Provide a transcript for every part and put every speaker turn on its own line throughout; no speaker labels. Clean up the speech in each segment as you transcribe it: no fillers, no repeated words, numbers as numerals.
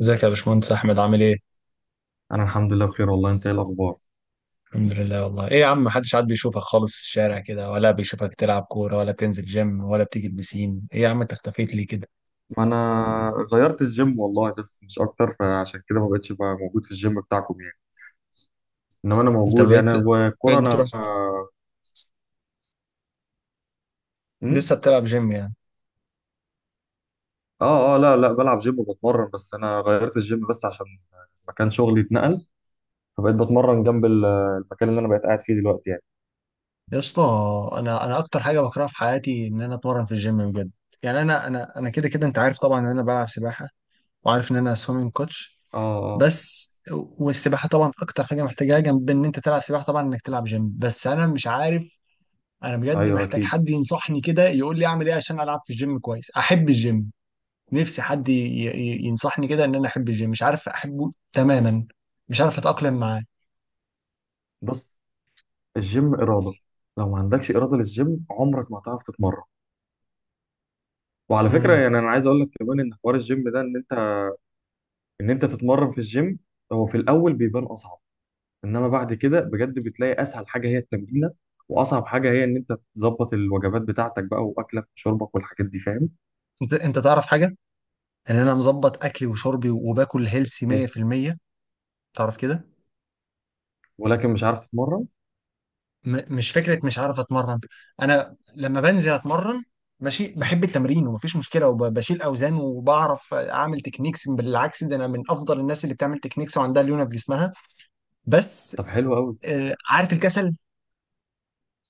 ازيك يا باشمهندس احمد، عامل ايه؟
انا الحمد لله بخير والله. انت ايه الاخبار؟
الحمد لله والله. ايه يا عم، محدش عاد بيشوفك خالص في الشارع كده، ولا بيشوفك تلعب كوره، ولا بتنزل جيم، ولا بتيجي البسين. ايه يا عم انت اختفيت ليه كده؟
ما انا غيرت الجيم والله، بس مش اكتر، فعشان كده ما بقتش بقى موجود في الجيم بتاعكم يعني. انما انا
انت
موجود
بقيت،
يعني، والكوره
بقيت بتروح
انا... أمم؟
لسه بتلعب جيم يعني؟
اه اه لا لا بلعب جيم وبتمرن، بس انا غيرت الجيم بس عشان مكان شغلي اتنقل. فبقيت بتمرن جنب المكان اللي انا بقيت قاعد فيه دلوقتي يعني.
يا اسطى، انا اكتر حاجه بكرهها في حياتي ان انا اتمرن في الجيم بجد. يعني انا كده كده انت عارف طبعا ان انا بلعب سباحه، وعارف ان انا سويمنج كوتش
اه
بس. والسباحه طبعا اكتر حاجه محتاجاها جنب ان انت تلعب سباحه طبعا انك تلعب جيم، بس انا مش عارف. انا
اه
بجد
ايوه
محتاج
اكيد.
حد ينصحني كده، يقول لي اعمل ايه عشان العب في الجيم كويس، احب الجيم. نفسي حد ينصحني كده ان انا احب الجيم، مش عارف احبه تماما، مش عارف اتاقلم معاه.
بص، الجيم اراده. لو ما عندكش اراده للجيم عمرك ما هتعرف تتمرن. وعلى فكره
امم
يعني انا عايز اقول لك كمان ان حوار الجيم ده ان انت تتمرن في الجيم، هو في الاول بيبان اصعب. انما بعد كده بجد بتلاقي اسهل حاجه هي التمرينه، واصعب حاجه هي ان انت تظبط الوجبات بتاعتك بقى واكلك وشربك والحاجات دي، فاهم؟
انت تعرف حاجه، ان انا مظبط اكلي وشربي وباكل هيلسي
ايه؟
100%، تعرف كده.
ولكن مش عارف تتمرن.
مش فكره مش عارف اتمرن. انا لما بنزل اتمرن ماشي، بحب التمرين ومفيش مشكله، وبشيل اوزان وبعرف اعمل تكنيكس. بالعكس، ده انا من افضل الناس اللي بتعمل تكنيكس وعندها ليونه في جسمها. بس
طب حلو قوي.
عارف الكسل.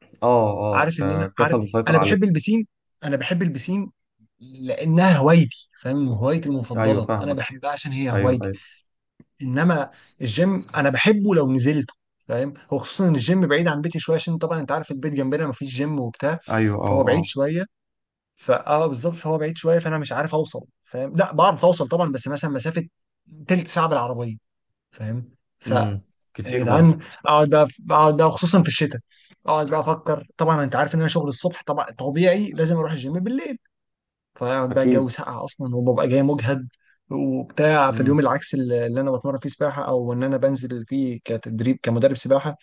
اه اه،
عارف، ان انا
انت
عارف.
كسل مسيطر
انا
عليك.
بحب البسين، انا بحب البسين لانها هوايتي، فاهم؟ هوايتي
ايوه
المفضله، انا
فاهمك.
بحبها عشان هي
ايوه
هوايتي.
ايوه.
انما الجيم انا بحبه لو نزلته، فاهم؟ هو خصوصا ان الجيم بعيد عن بيتي شويه، عشان طبعا انت عارف البيت جنبنا مفيش جيم وبتاع،
ايوه. اه
فهو بعيد
اه.
شويه. بالظبط، فهو بعيد شويه، فانا مش عارف اوصل، فاهم؟ لا بعرف اوصل طبعا، بس مثلا مسافه تلت ساعه بالعربيه، فاهم؟
امم.
يا
كتير برضه.
جدعان اقعد بقى، اقعد بقى خصوصا في الشتاء، اقعد بقى افكر. طبعا انت عارف ان انا شغل الصبح، طبعا طبيعي لازم اروح الجيم بالليل. فاقعد بقى،
اكيد.
الجو ساقع اصلا، وببقى جاي مجهد وبتاع. في اليوم
امم.
العكس اللي انا بتمرن فيه سباحه، او ان انا بنزل فيه كتدريب كمدرب سباحه،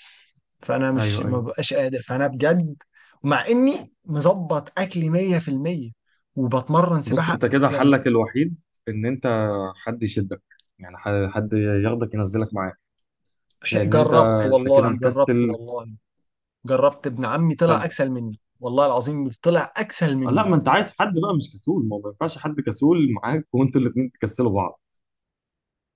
فانا مش
ايوه
ما
ايوه.
ببقاش قادر، فانا بجد مع اني مظبط اكلي 100% وبتمرن
بص
سباحه
انت كده
يعني.
حلك الوحيد ان انت، حد يشدك. يعني حد ياخدك ينزلك معاه.
شيء.
لان انت
جربت
انت كده
والله، جربت
مكسل.
والله، جربت ابن عمي طلع
طب
اكسل مني، والله العظيم طلع اكسل
لا،
مني.
ما انت عايز حد بقى مش كسول. ما هو ما ينفعش حد كسول معاك وانتوا الاتنين تكسلوا بعض.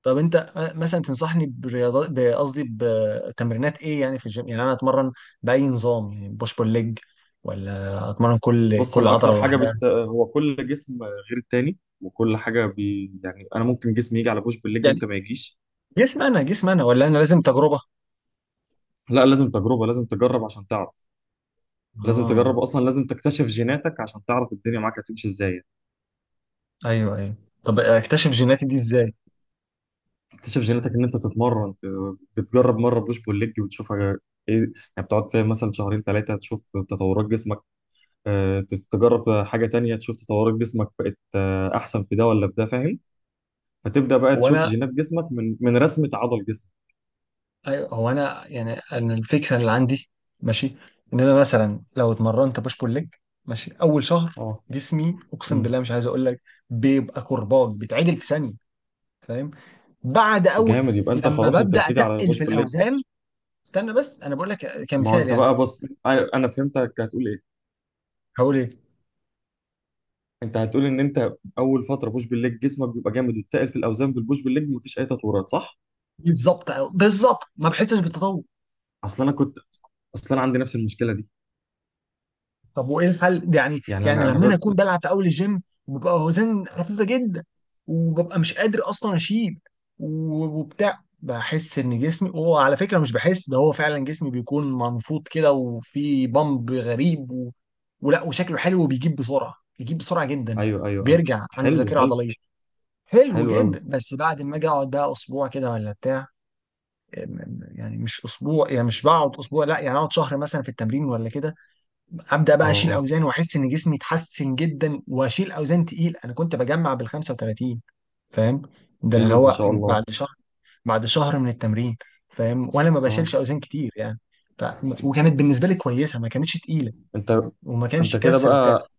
طب انت مثلا تنصحني برياضات، قصدي بتمرينات ايه يعني في الجيم؟ يعني انا اتمرن باي نظام، يعني بوش بول ليج، ولا اتمرن كل
بص،
كل
انا
عضله
اكتر حاجه
لوحدها؟
هو كل جسم غير التاني، وكل حاجه يعني انا ممكن جسمي يجي على بوش بالليج، انت
يعني
ما يجيش.
جسم انا، جسم انا، ولا انا لازم تجربه؟
لا، لازم تجربه. لازم تجرب عشان تعرف. لازم تجرب
اه،
اصلا، لازم تكتشف جيناتك عشان تعرف الدنيا معاك هتمشي ازاي.
ايوه ايوه. طب اكتشف جيناتي دي ازاي؟
تكتشف جيناتك ان انت تتمرن، بتجرب مره بوش بول ليج وتشوف ايه يعني، بتقعد فيها مثلا شهرين ثلاثه تشوف تطورات جسمك. آه، تجرب حاجة تانية تشوف تطورات جسمك بقت أحسن في ده ولا في ده، فاهم؟ فتبدأ بقى
هو
تشوف
انا،
جينات جسمك من رسمة عضل جسمك.
ايوه هو انا، يعني انا الفكره اللي عندي ماشي، ان انا مثلا لو اتمرنت بوش بول ليج ماشي اول شهر،
اه.
جسمي اقسم
امم.
بالله مش عايز اقول لك، بيبقى كرباج، بيتعدل في ثانيه، فاهم؟ بعد اول،
جامد، يبقى انت
لما
خلاص انت
ببدا
بتيجي على
اتقل
بوش
في
بالليج.
الاوزان، استنى بس انا بقول لك
ما هو
كمثال
انت
يعني.
بقى، بص انا فهمتك هتقول ايه.
هقول ايه؟
انت هتقول ان انت اول فتره بوش بالليج جسمك بيبقى جامد، وتقل في الاوزان بالبوش بالليج مفيش اي تطورات، صح؟
بالظبط. بالظبط ما بحسش بالتطور.
اصل انا كنت اصل انا عندي نفس المشكله دي.
طب وايه الحل ده يعني؟
يعني
يعني لما انا اكون بلعب في اول الجيم، وببقى اوزان خفيفه جدا، وببقى مش قادر اصلا اشيل وبتاع، بحس ان جسمي هو، على فكره، مش بحس، ده هو فعلا جسمي بيكون منفوض كده، وفي بامب غريب، ولا، وشكله حلو، وبيجيب بسرعه، بيجيب بسرعه جدا،
ايوه ايوه ايوه.
بيرجع عند
حلو
ذاكره
حلو.
عضليه حلو
حلو قوي.
جدا. بس بعد ما اجي اقعد بقى اسبوع كده ولا بتاع، يعني مش اسبوع، يعني مش بقعد اسبوع لا، يعني اقعد شهر مثلا في التمرين ولا كده، هبدا
اه
بقى اشيل
اه.
اوزان، واحس ان جسمي اتحسن جدا، واشيل اوزان تقيل. انا كنت بجمع بال 35، فاهم؟ ده اللي
جامد ما
هو
شاء الله.
بعد شهر، بعد شهر من التمرين، فاهم؟ وانا ما بشيلش
اه.
اوزان كتير يعني. ف... وكانت بالنسبه لي كويسه، ما كانتش تقيله،
انت
وما
انت
كانش
كده
كسر بتاع
بقى،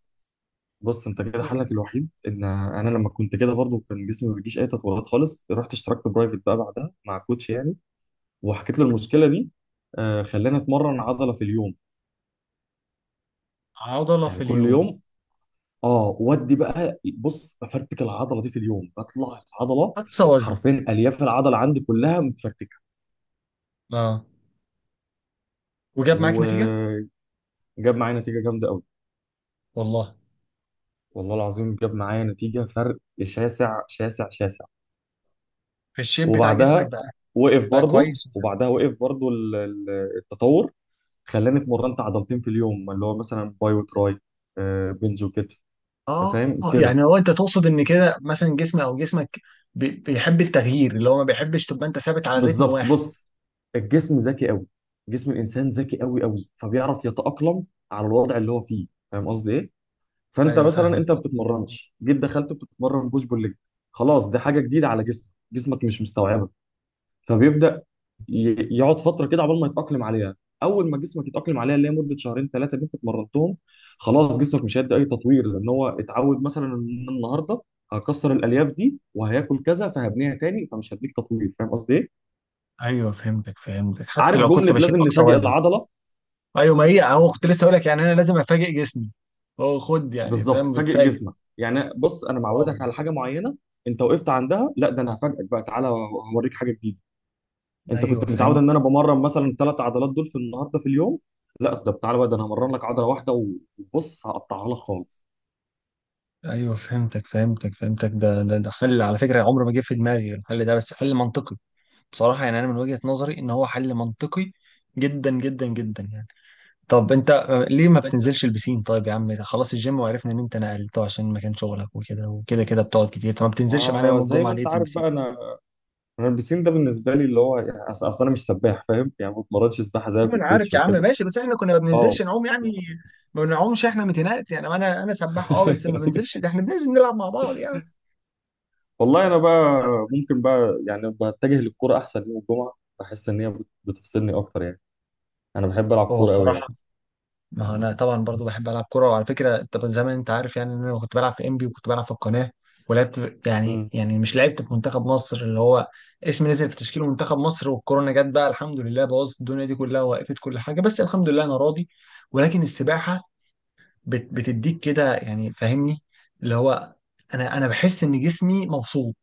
بص انت كده حلك الوحيد، ان انا لما كنت كده برضو كان جسمي ما بيجيش اي تطورات خالص. رحت اشتركت برايفت بقى بعدها مع كوتش يعني، وحكيت له المشكله دي. آه، خلاني اتمرن عضله في اليوم،
عضله في
يعني كل
اليوم،
يوم. اه، ودي بقى بص، بفرتك العضله دي في اليوم، بطلع العضله.
اقصى وزن.
حرفيا الياف العضله عندي كلها متفرتكه.
اه، وجاب معاك نتيجه؟
وجاب معايا نتيجه جامده قوي.
والله
والله العظيم جاب معايا نتيجه، فرق شاسع شاسع شاسع.
الشيب بتاع جسمك
وبعدها
بقى
وقف
بقى
برضو.
كويس.
التطور. خلاني اتمرنت عضلتين في اليوم، اللي هو مثلا باي وتراي، بنج وكتف،
اه
فاهم كده.
يعني هو انت تقصد ان كده مثلا جسمي او جسمك بيحب التغيير، اللي هو ما بيحبش تبقى انت ثابت على رتم
بالظبط.
واحد؟
بص، الجسم ذكي قوي. جسم الانسان ذكي قوي قوي، فبيعرف يتاقلم على الوضع اللي هو فيه، فاهم قصدي ايه؟ فانت
ايوه
مثلا
فاهمك.
انت ما بتتمرنش، جيت دخلت بتتمرن بوش بول ليج، خلاص دي حاجه جديده على جسمك، جسمك مش مستوعبه. فبيبدا يقعد فتره كده عقبال ما يتاقلم عليها. اول ما جسمك يتاقلم عليها، اللي هي مده شهرين ثلاثه اللي انت اتمرنتهم، خلاص جسمك مش هيدي اي تطوير، لان هو اتعود مثلا ان النهارده هكسر الالياف دي وهياكل كذا فهبنيها تاني، فمش هديك تطوير. فاهم قصدي ايه؟
ايوه فهمتك فهمتك، حتى
عارف
لو كنت
جمله،
بشيل
لازم
اقصى
نفاجئ
وزن.
العضله.
ايوه، ما هي اهو كنت لسه اقول لك، يعني انا لازم افاجئ جسمي. هو خد يعني،
بالظبط،
فاهم؟
فاجئ
بتفاجئ.
جسمك. يعني بص، انا
واو.
معودك على حاجه معينه، انت وقفت عندها، لا ده انا هفاجئك بقى، تعالى هوريك حاجه جديده. انت
ايوه
كنت متعود
فهمت.
ان انا بمرن مثلا ثلاث عضلات دول في النهارده في اليوم، لا ده تعالى بقى، ده انا همرن لك عضله واحده وبص هقطعها لك خالص.
ايوه فهمتك فهمتك فهمتك. ده حل، على فكره، عمره ما جه في دماغي الحل ده، بس حل منطقي بصراحه. يعني انا من وجهه نظري ان هو حل منطقي جدا جدا جدا يعني. طب انت ليه ما
طب انت،
بتنزلش البسين؟ طيب يا عم خلاص الجيم، وعرفنا ان انت نقلته عشان مكان شغلك، وكده وكده كده بتقعد كتير. طب ما بتنزلش معانا يوم
ما زي
الجمعة
ما
ليه
انت
في
عارف
البسين؟
بقى، انا البسين ده بالنسبه لي اللي هو يعني، اصل انا مش سباح فاهم، يعني ما بتمرنش سباحه زيك
انا
وكوتش
عارف يا عم
وكده.
ماشي، بس احنا كنا ما
اه.
بننزلش نعوم يعني، ما بنعومش احنا متنقل يعني. انا انا سباح اه، بس ما بنزلش، ده احنا بننزل نلعب مع بعض يعني.
والله انا بقى ممكن بقى، يعني بتجه للكوره احسن يوم الجمعه، بحس ان هي بتفصلني اكتر يعني. انا بحب العب
هو
كوره قوي
الصراحة،
يعني.
ما هو انا طبعا برضو بحب العب كوره. وعلى فكره انت زمان انت عارف يعني ان انا كنت بلعب في انبي، وكنت بلعب في القناه، ولعبت يعني،
امم.
يعني مش لعبت في منتخب مصر، اللي هو اسمي نزل في تشكيل منتخب مصر، والكورونا جت بقى الحمد لله، بوظت الدنيا دي كلها، ووقفت كل حاجه، بس الحمد لله انا راضي. ولكن السباحه بتديك كده يعني، فاهمني؟ اللي هو انا انا بحس ان جسمي مبسوط،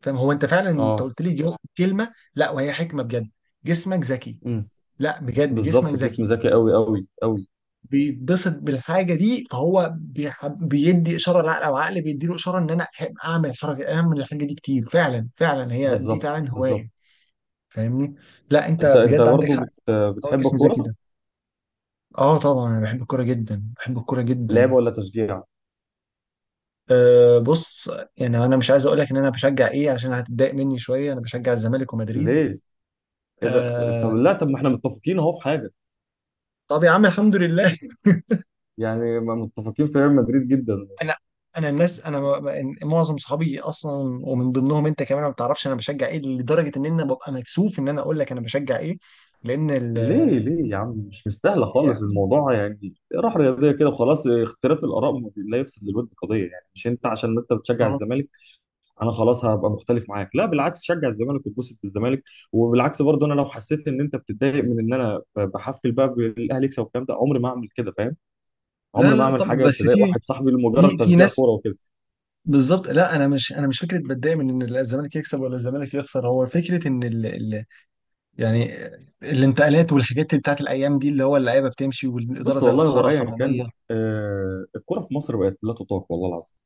فاهم؟ هو انت فعلا انت
اه.
قلت لي كلمه، لا وهي حكمه بجد. جسمك ذكي.
امم.
لا بجد جسمك
بالظبط،
ذكي،
الجسم ذكي قوي قوي قوي.
بيتبسط بالحاجه دي، فهو بيحب، بيدي اشاره لعقل، او عقل بيديله اشاره ان انا أحب اعمل الحركه، اعمل الحاجه دي كتير، فعلا فعلا هي دي
بالظبط
فعلا
بالظبط.
هوايه، فاهمني؟ لا انت
انت
بجد عندك
برضه
حق. هو
بتحب
الجسم ذكي
الكوره؟
ده. اه طبعا، انا بحب الكوره جدا، بحب الكوره
لعب
جدا.
ولا تشجيع؟
أه بص، يعني انا مش عايز اقول لك ان انا بشجع ايه، عشان هتتضايق مني شويه. انا بشجع الزمالك ومدريد.
ليه؟ ايه ده؟ طب
أه،
لا، طب ما احنا متفقين اهو في حاجه
طب يا عم الحمد لله.
يعني، ما متفقين في ريال مدريد جدا.
انا انا الناس انا، معظم صحابي اصلا، ومن ضمنهم انت كمان، ما بتعرفش انا بشجع ايه، لدرجه ان انا ببقى مكسوف ان انا اقول لك انا بشجع ايه، لان ال...
ليه ليه يا عم؟ مش مستاهله خالص
يعني
الموضوع يعني، راح رياضيه كده وخلاص، اختلاف الاراء ما بي- لا يفسد للود قضيه. يعني مش انت عشان انت بتشجع
أهو.
الزمالك انا خلاص هبقى مختلف معاك، لا بالعكس، شجع الزمالك واتبسط بالزمالك. وبالعكس برضه انا لو حسيت ان انت بتتضايق من ان انا بحفل بقى بالاهلي يكسب والكلام ده، عمري ما اعمل كده فاهم.
لا
عمري ما
لا
اعمل
طب
حاجه
بس
تضايق
في،
واحد صاحبي
في،
لمجرد
في
تشجيع
ناس،
كوره وكده.
بالظبط. لا انا مش، انا مش فكره بتضايق من ان الزمالك يكسب ولا الزمالك يخسر. هو فكره ان يعني الانتقالات والحاجات اللي بتاعت الايام دي، اللي هو اللعيبه بتمشي، والاداره
بص
زي
والله هو
الخرا
ايا كان،
حراميه.
الكوره في مصر بقت لا تطاق والله العظيم.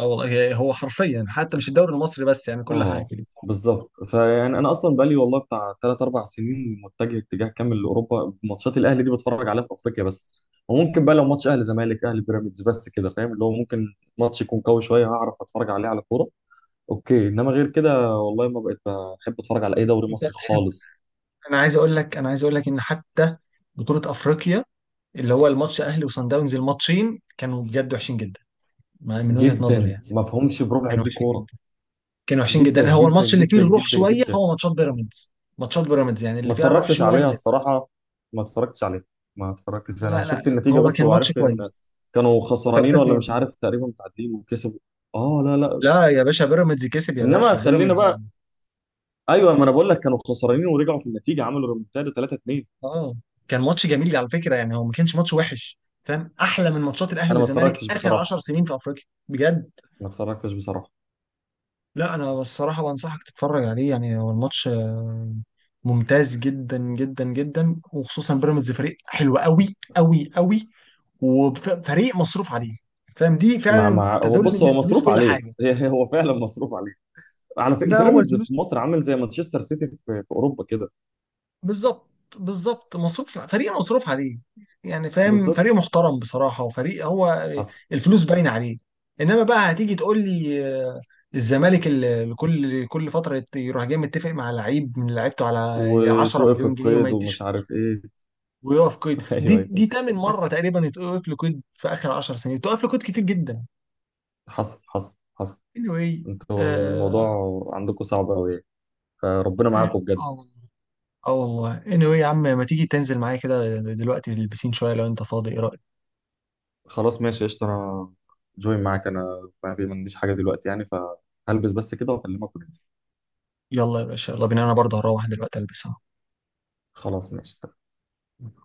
اه والله هو حرفيا، حتى مش الدوري المصري بس، يعني كل حاجه.
اه بالظبط. فيعني انا اصلا بقالي والله بتاع 3 4 سنين متجه اتجاه كامل لاوروبا. ماتشات الاهلي دي بتفرج عليها في افريقيا بس، وممكن بقى لو ماتش اهلي زمالك، اهلي بيراميدز بس كده، فاهم اللي هو، ممكن ماتش يكون قوي شويه هعرف اتفرج عليه على كوره. اوكي. انما غير كده والله ما بقيت بحب اتفرج على اي دوري
انت،
مصري خالص.
انا عايز اقول لك، انا عايز اقول لك ان حتى بطولة افريقيا، اللي هو الماتش اهلي وصن داونز، الماتشين كانوا بجد وحشين جدا، من وجهة نظري
جدا،
يعني.
ما فهمش بربع
كانوا
جنيه
وحشين
كوره.
جدا، كانوا وحشين
جدا
جدا. هو
جدا
الماتش اللي فيه
جدا
الروح
جدا
شوية
جدا.
هو ماتشات بيراميدز. ماتشات بيراميدز يعني
ما
اللي فيها الروح
اتفرجتش عليها
شوية.
الصراحة. ما اتفرجتش عليها. ما اتفرجتش، انا
لا لا
شفت
لا
النتيجة
هو
بس،
كان ماتش
وعرفت ان
كويس.
كانوا
3
خسرانين ولا مش
2
عارف، تقريبا متعادلين وكسبوا. اه لا لا.
لا يا باشا بيراميدز كسب يا باشا
انما خلينا
بيراميدز.
بقى، ايوه، ما انا بقول لك كانوا خسرانين ورجعوا في النتيجة، عملوا ريمونتادا 3-2.
اه كان ماتش جميل على فكرة، يعني هو ما كانش ماتش وحش، فاهم؟ احلى من ماتشات الاهلي
انا ما
والزمالك
اتفرجتش
اخر
بصراحة.
10 سنين في افريقيا، بجد.
ما اتفرجتش بصراحة.
لا انا الصراحه بنصحك تتفرج عليه، يعني هو الماتش ممتاز جدا جدا جدا، وخصوصا بيراميدز فريق حلو قوي قوي قوي، وفريق مصروف عليه، فاهم؟ دي
مع
فعلا
مع هو
تدل
بص
ان
هو
الفلوس
مصروف
كل
عليه.
حاجه.
هو فعلا مصروف عليه. على فكرة
ده هو
بيراميدز
الفلوس.
في مصر عامل زي مانشستر سيتي في اوروبا كده.
بالظبط. بالظبط مصروف، فريق مصروف عليه يعني، فاهم؟
بالظبط.
فريق محترم بصراحة، وفريق هو
حصل
الفلوس
حصل.
باينة عليه. انما بقى هتيجي تقول لي الزمالك اللي كل فترة يروح جاي متفق مع لعيب من لعيبته على 10
وتوقف
مليون جنيه، وما
القيد
يديش
ومش
فلوس،
عارف ايه.
ويقف قيد. دي
ايوه ايوه.
دي تامن مرة تقريبا يتوقف له قيد، في آخر 10 سنين توقف له قيد كتير جدا.
حصل حصل حصل.
anyway.
انتوا
اه.
الموضوع عندكم صعب قوي يعني. فربنا معاكم بجد.
اه والله. اه والله anyway، يا عم ما تيجي تنزل معايا كده دلوقتي تلبسين شوية، لو انت فاضي، ايه رأيك؟
خلاص ماشي قشطة. انا جوين معاك، انا ما عنديش حاجة دلوقتي يعني، فهلبس بس كده واكلمك وننزل.
يلا يا باشا، يلا بينا، انا برضه هروح دلوقتي البسها.
خلاص ماشي.